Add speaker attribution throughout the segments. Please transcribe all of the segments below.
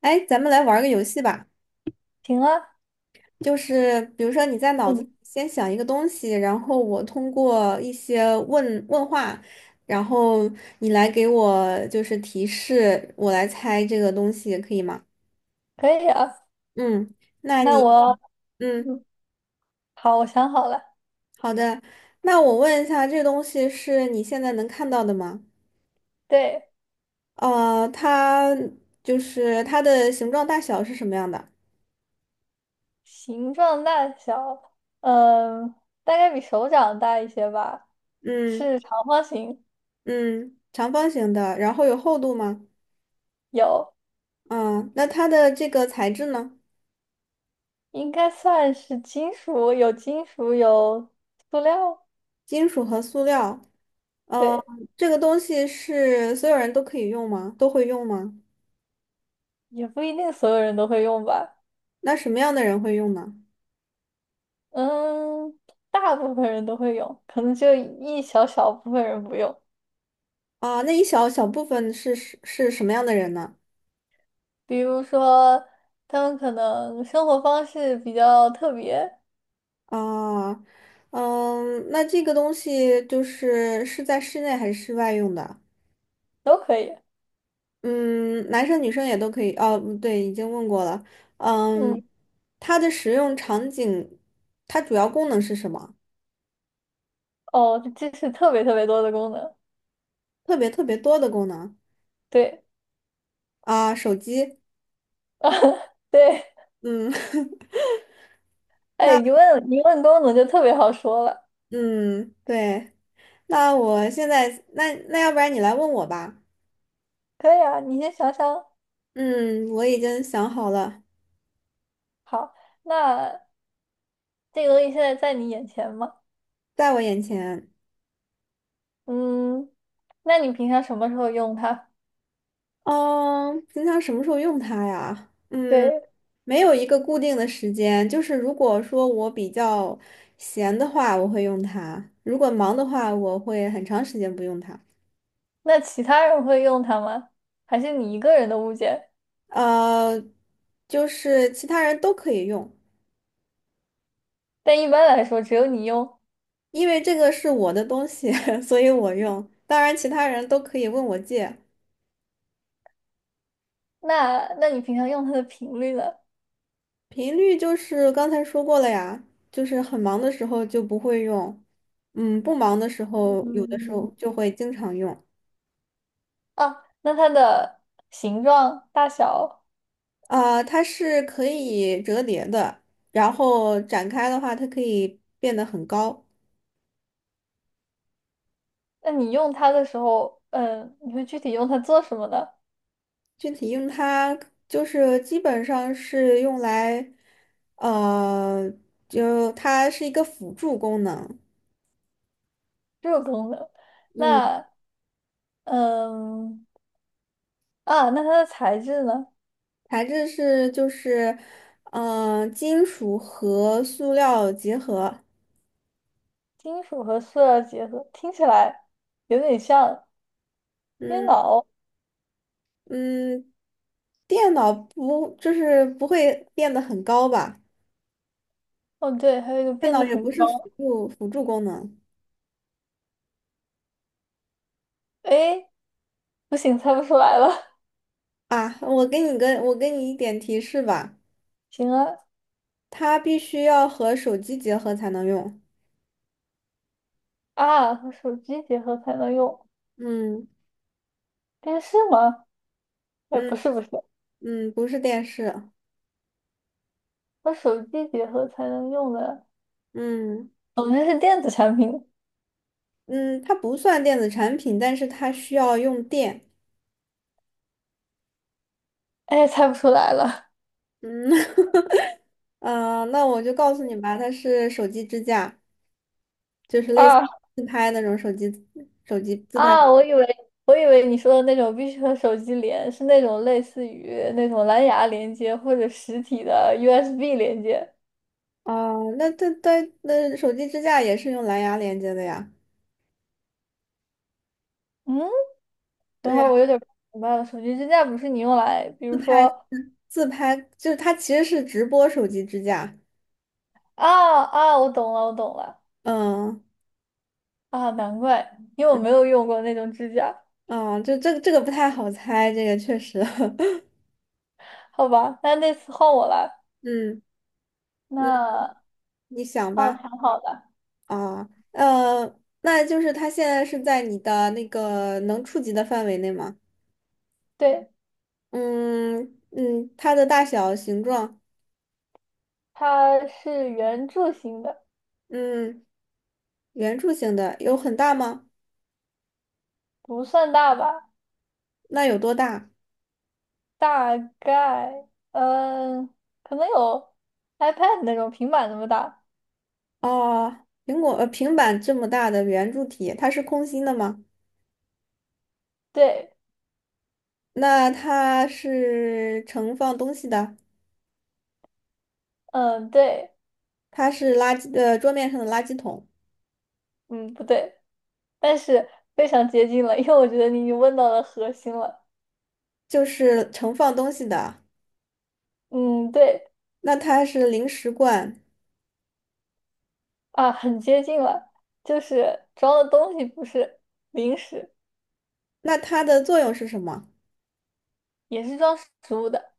Speaker 1: 哎，咱们来玩儿个游戏吧，
Speaker 2: 行啊，
Speaker 1: 就是比如说你在脑子里
Speaker 2: 嗯
Speaker 1: 先想一个东西，然后我通过一些问话，然后你来给我就是提示，我来猜这个东西，可以吗？
Speaker 2: 可以啊。
Speaker 1: 嗯，那
Speaker 2: 那
Speaker 1: 你，
Speaker 2: 我，
Speaker 1: 嗯，
Speaker 2: 嗯，好，我想好了，
Speaker 1: 好的，那我问一下，这东西是你现在能看到的吗？
Speaker 2: 对，
Speaker 1: 它就是它的形状大小是什么样的？
Speaker 2: 形状大小，嗯，大概比手掌大一些吧，
Speaker 1: 嗯。
Speaker 2: 是长方形，
Speaker 1: 嗯，长方形的，然后有厚度吗？
Speaker 2: 有，
Speaker 1: 嗯，那它的这个材质呢？
Speaker 2: 应该算是金属，有金属，有塑料，
Speaker 1: 金属和塑料，呃，
Speaker 2: 对，
Speaker 1: 这个东西是所有人都可以用吗？都会用吗？
Speaker 2: 也不一定所有人都会用吧，
Speaker 1: 那什么样的人会用呢？
Speaker 2: 嗯，大部分人都会用，可能就一小小部分人不用，
Speaker 1: 啊、那一小小部分是什么样的人呢？
Speaker 2: 比如说他们可能生活方式比较特别，
Speaker 1: 啊、嗯，那这个东西就是是在室内还是室外用的？
Speaker 2: 都可以。
Speaker 1: 嗯，男生女生也都可以。哦，不对，已经问过了。嗯，
Speaker 2: 嗯，
Speaker 1: 它的使用场景，它主要功能是什么？
Speaker 2: 哦，这是特别特别多的功能，
Speaker 1: 特别特别多的功能。
Speaker 2: 对，
Speaker 1: 啊、手机。
Speaker 2: 对，
Speaker 1: 嗯。
Speaker 2: 哎，
Speaker 1: 那
Speaker 2: 一问功能就特别好说了。
Speaker 1: 嗯，对，那我现在那要不然你来问我吧。
Speaker 2: 可以啊，你先想想。
Speaker 1: 嗯，我已经想好了，
Speaker 2: 好，那这个东西现在在你眼前吗？
Speaker 1: 在我眼前。
Speaker 2: 嗯，那你平常什么时候用它？
Speaker 1: 嗯，平常什么时候用它呀？嗯，
Speaker 2: 对，
Speaker 1: 没有一个固定的时间，就是如果说我比较闲的话，我会用它；如果忙的话，我会很长时间不用它。
Speaker 2: 那其他人会用它吗？还是你一个人的物件？
Speaker 1: 呃，就是其他人都可以用，
Speaker 2: 但一般来说，只有你用。
Speaker 1: 因为这个是我的东西，所以我用。当然，其他人都可以问我借。
Speaker 2: 那你平常用它的频率呢？
Speaker 1: 频率就是刚才说过了呀，就是很忙的时候就不会用，嗯，不忙的时候有的时候
Speaker 2: 嗯，
Speaker 1: 就会经常用。
Speaker 2: 啊，那它的形状、大小。
Speaker 1: 啊、它是可以折叠的，然后展开的话，它可以变得很高。
Speaker 2: 那你用它的时候，嗯，你会具体用它做什么呢？
Speaker 1: 具体用它就是基本上是用来，呃，就它是一个辅助功能。
Speaker 2: 这个功能，
Speaker 1: 嗯。
Speaker 2: 那嗯那它的材质呢？
Speaker 1: 材质是就是，嗯、金属和塑料结合。
Speaker 2: 金属和塑料结合，听起来有点像电
Speaker 1: 嗯。
Speaker 2: 脑。
Speaker 1: 嗯，电脑不就是不会变得很高吧？
Speaker 2: 哦，对，还有一个
Speaker 1: 电
Speaker 2: 变
Speaker 1: 脑
Speaker 2: 得
Speaker 1: 也不
Speaker 2: 很高。
Speaker 1: 是辅助功能。
Speaker 2: 哎，不行，猜不出来了。
Speaker 1: 啊。我给你一点提示吧，
Speaker 2: 行啊，
Speaker 1: 它必须要和手机结合才能用。
Speaker 2: 啊，和手机结合才能用
Speaker 1: 嗯。
Speaker 2: 电视吗？哎，
Speaker 1: 嗯。
Speaker 2: 不是，
Speaker 1: 嗯，不是电视。
Speaker 2: 和手机结合才能用的，
Speaker 1: 嗯。
Speaker 2: 总之是电子产品。
Speaker 1: 嗯，它不算电子产品，但是它需要用电。
Speaker 2: 哎，猜不出来了。
Speaker 1: 嗯。啊那我就告诉你吧，它是手机支架，就是类似
Speaker 2: 啊。
Speaker 1: 自拍那种手机自拍。
Speaker 2: 啊，我以为你说的那种必须和手机连，是那种类似于那种蓝牙连接或者实体的 USB 连接。
Speaker 1: 哦，那它那手机支架也是用蓝牙连接的呀。
Speaker 2: 嗯，等
Speaker 1: 对
Speaker 2: 会
Speaker 1: 呀，
Speaker 2: 儿我有点不明白了，手机支架不是你用来，比如说
Speaker 1: 自拍就是它其实是直播手机支架。
Speaker 2: 啊，我懂了
Speaker 1: 嗯。
Speaker 2: 啊，难怪，因为我没有用过那种支架。
Speaker 1: 嗯，哦就这个不太好猜，这个确实。
Speaker 2: 好吧，那次换我来，
Speaker 1: 嗯。嗯，
Speaker 2: 那
Speaker 1: 你想
Speaker 2: 哦，
Speaker 1: 吧。
Speaker 2: 挺好的，
Speaker 1: 啊，那就是它现在是在你的那个能触及的范围内吗？
Speaker 2: 对，
Speaker 1: 嗯。嗯，它的大小、形状，
Speaker 2: 它是圆柱形的，
Speaker 1: 嗯，圆柱形的有很大吗？
Speaker 2: 不算大吧，
Speaker 1: 那有多大？
Speaker 2: 大概，嗯，可能有 iPad 那种平板那么大。
Speaker 1: 哦，苹果平板这么大的圆柱体，它是空心的吗？
Speaker 2: 对，
Speaker 1: 那它是盛放东西的，
Speaker 2: 嗯，对，
Speaker 1: 它是桌面上的垃圾桶，
Speaker 2: 嗯，不对，但是非常接近了，因为我觉得你已经问到了核心了。
Speaker 1: 就是盛放东西的。
Speaker 2: 嗯，对，
Speaker 1: 那它是零食罐，
Speaker 2: 啊，很接近了，就是装的东西不是零食，
Speaker 1: 那它的作用是什么？
Speaker 2: 也是装食物的。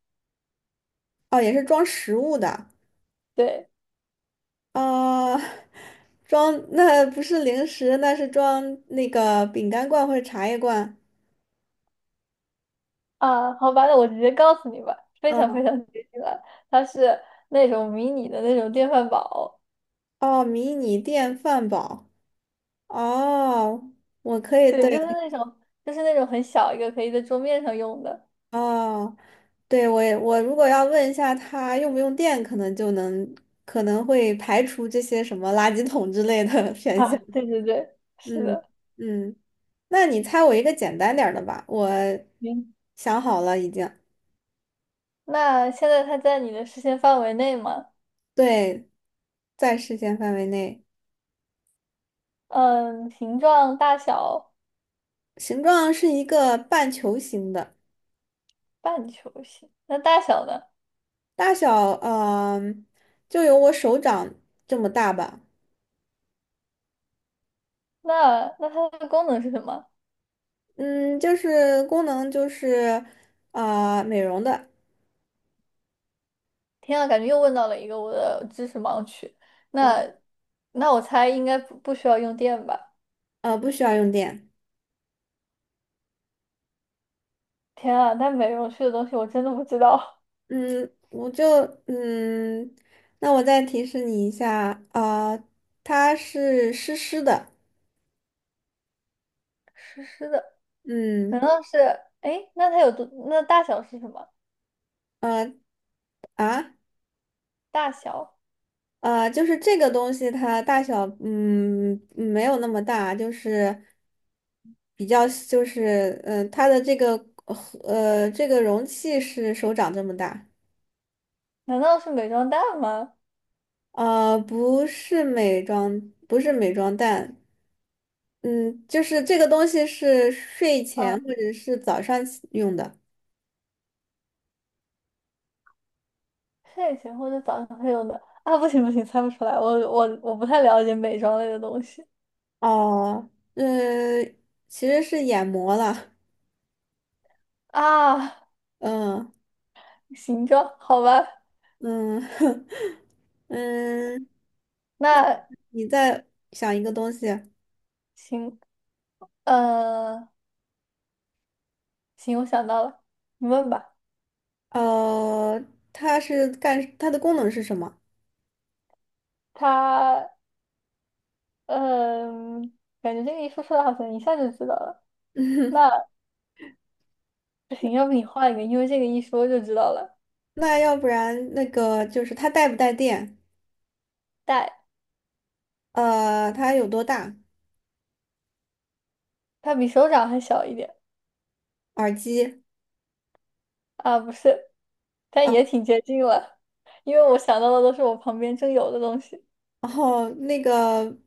Speaker 1: 哦，也是装食物的。
Speaker 2: 对，
Speaker 1: 啊，装，那不是零食，那是装那个饼干罐或者茶叶罐。
Speaker 2: 啊，好吧，那我直接告诉你吧，非常
Speaker 1: 嗯，
Speaker 2: 非常接近了，它是那种迷你的那种电饭煲，
Speaker 1: 哦，迷你电饭煲。哦，我可以，
Speaker 2: 对，
Speaker 1: 对，
Speaker 2: 就是那种，就是那种很小一个，可以在桌面上用的。
Speaker 1: 哦，对，我也我如果要问一下它用不用电，可能就能，可能会排除这些什么垃圾桶之类的 选项。
Speaker 2: 啊，对对对，是
Speaker 1: 嗯。
Speaker 2: 的。
Speaker 1: 嗯，那你猜我一个简单点儿的吧，我
Speaker 2: 行，
Speaker 1: 想好了已经，
Speaker 2: 那现在它在你的视线范围内吗？
Speaker 1: 对，在视线范围内。
Speaker 2: 嗯，形状大小
Speaker 1: 形状是一个半球形的，
Speaker 2: 半球形。那大小呢？
Speaker 1: 大小嗯、就有我手掌这么大吧。
Speaker 2: 那它的功能是什么？
Speaker 1: 嗯，就是功能就是啊，美容的，
Speaker 2: 天啊，感觉又问到了一个我的知识盲区。那
Speaker 1: 嗯。
Speaker 2: 那我猜应该不需要用电吧？
Speaker 1: 不需要用电。
Speaker 2: 天啊，那美容区的东西我真的不知道。
Speaker 1: 嗯，我就嗯，那我再提示你一下啊、它是湿湿的，
Speaker 2: 湿湿的，难
Speaker 1: 嗯。
Speaker 2: 道是？哎，那它有多？那大小是什么？
Speaker 1: 呃啊。
Speaker 2: 大小？
Speaker 1: 啊，就是这个东西它大小，嗯，嗯没有那么大，就是比较，就是，嗯、它的这个，这个容器是手掌这么大，
Speaker 2: 难道是美妆蛋吗？
Speaker 1: 呃，不是美妆，不是美妆蛋，嗯，就是这个东西是睡前
Speaker 2: 嗯。
Speaker 1: 或者是早上起用的，
Speaker 2: 睡前或者早上会用的啊，不行，猜不出来，我不太了解美妆类的东西
Speaker 1: 哦，嗯，其实是眼膜了，
Speaker 2: 啊。
Speaker 1: 嗯。
Speaker 2: 行妆，好吧，
Speaker 1: 嗯。 嗯，那
Speaker 2: 那
Speaker 1: 你再想一个东西。
Speaker 2: 行，呃，行，我想到了，你问吧。
Speaker 1: 呃，它是干，它的功能是什么？
Speaker 2: 它，嗯、感觉这个一说出来好像一下就知道了。那不行，要不你换一个，因为这个一说就知道了。
Speaker 1: 那要不然那个就是它带不带电？
Speaker 2: 戴，
Speaker 1: 呃，它有多大？
Speaker 2: 它比手掌还小一点
Speaker 1: 耳机，
Speaker 2: 啊，不是，但也挺接近了，因为我想到的都是我旁边正有的东西。
Speaker 1: 然后那个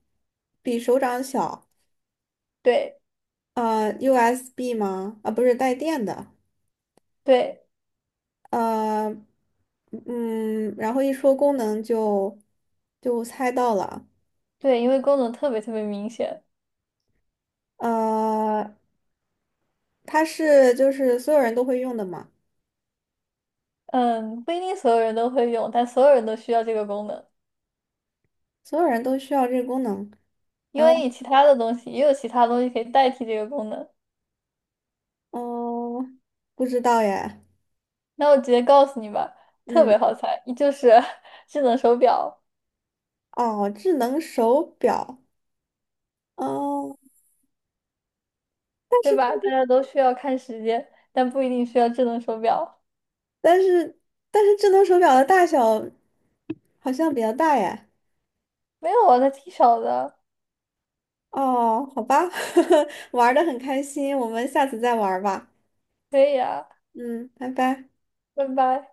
Speaker 1: 比手掌小，
Speaker 2: 对
Speaker 1: USB 吗？啊，不是带电的，
Speaker 2: 对。
Speaker 1: 呃，然后一说功能就就猜到了，
Speaker 2: 对，因为功能特别特别明显。
Speaker 1: 呃，它是就是所有人都会用的嘛，
Speaker 2: 嗯，不一定所有人都会用，但所有人都需要这个功能，
Speaker 1: 所有人都需要这个功能，
Speaker 2: 因
Speaker 1: 然
Speaker 2: 为
Speaker 1: 后
Speaker 2: 你其他的东西也有其他东西可以代替这个功能。
Speaker 1: 哦，不知道耶。
Speaker 2: 那我直接告诉你吧，特
Speaker 1: 嗯，
Speaker 2: 别好猜，就是 智能手表，
Speaker 1: 哦，智能手表，哦，但
Speaker 2: 对
Speaker 1: 是
Speaker 2: 吧？大家都需要看时间，但不一定需要智能手表。
Speaker 1: 但是但是智能手表的大小好像比较大耶。
Speaker 2: 没有啊，那挺少的。
Speaker 1: 哦，好吧，玩的很开心，我们下次再玩儿吧。
Speaker 2: 可以啊，
Speaker 1: 嗯，拜拜。
Speaker 2: 拜拜。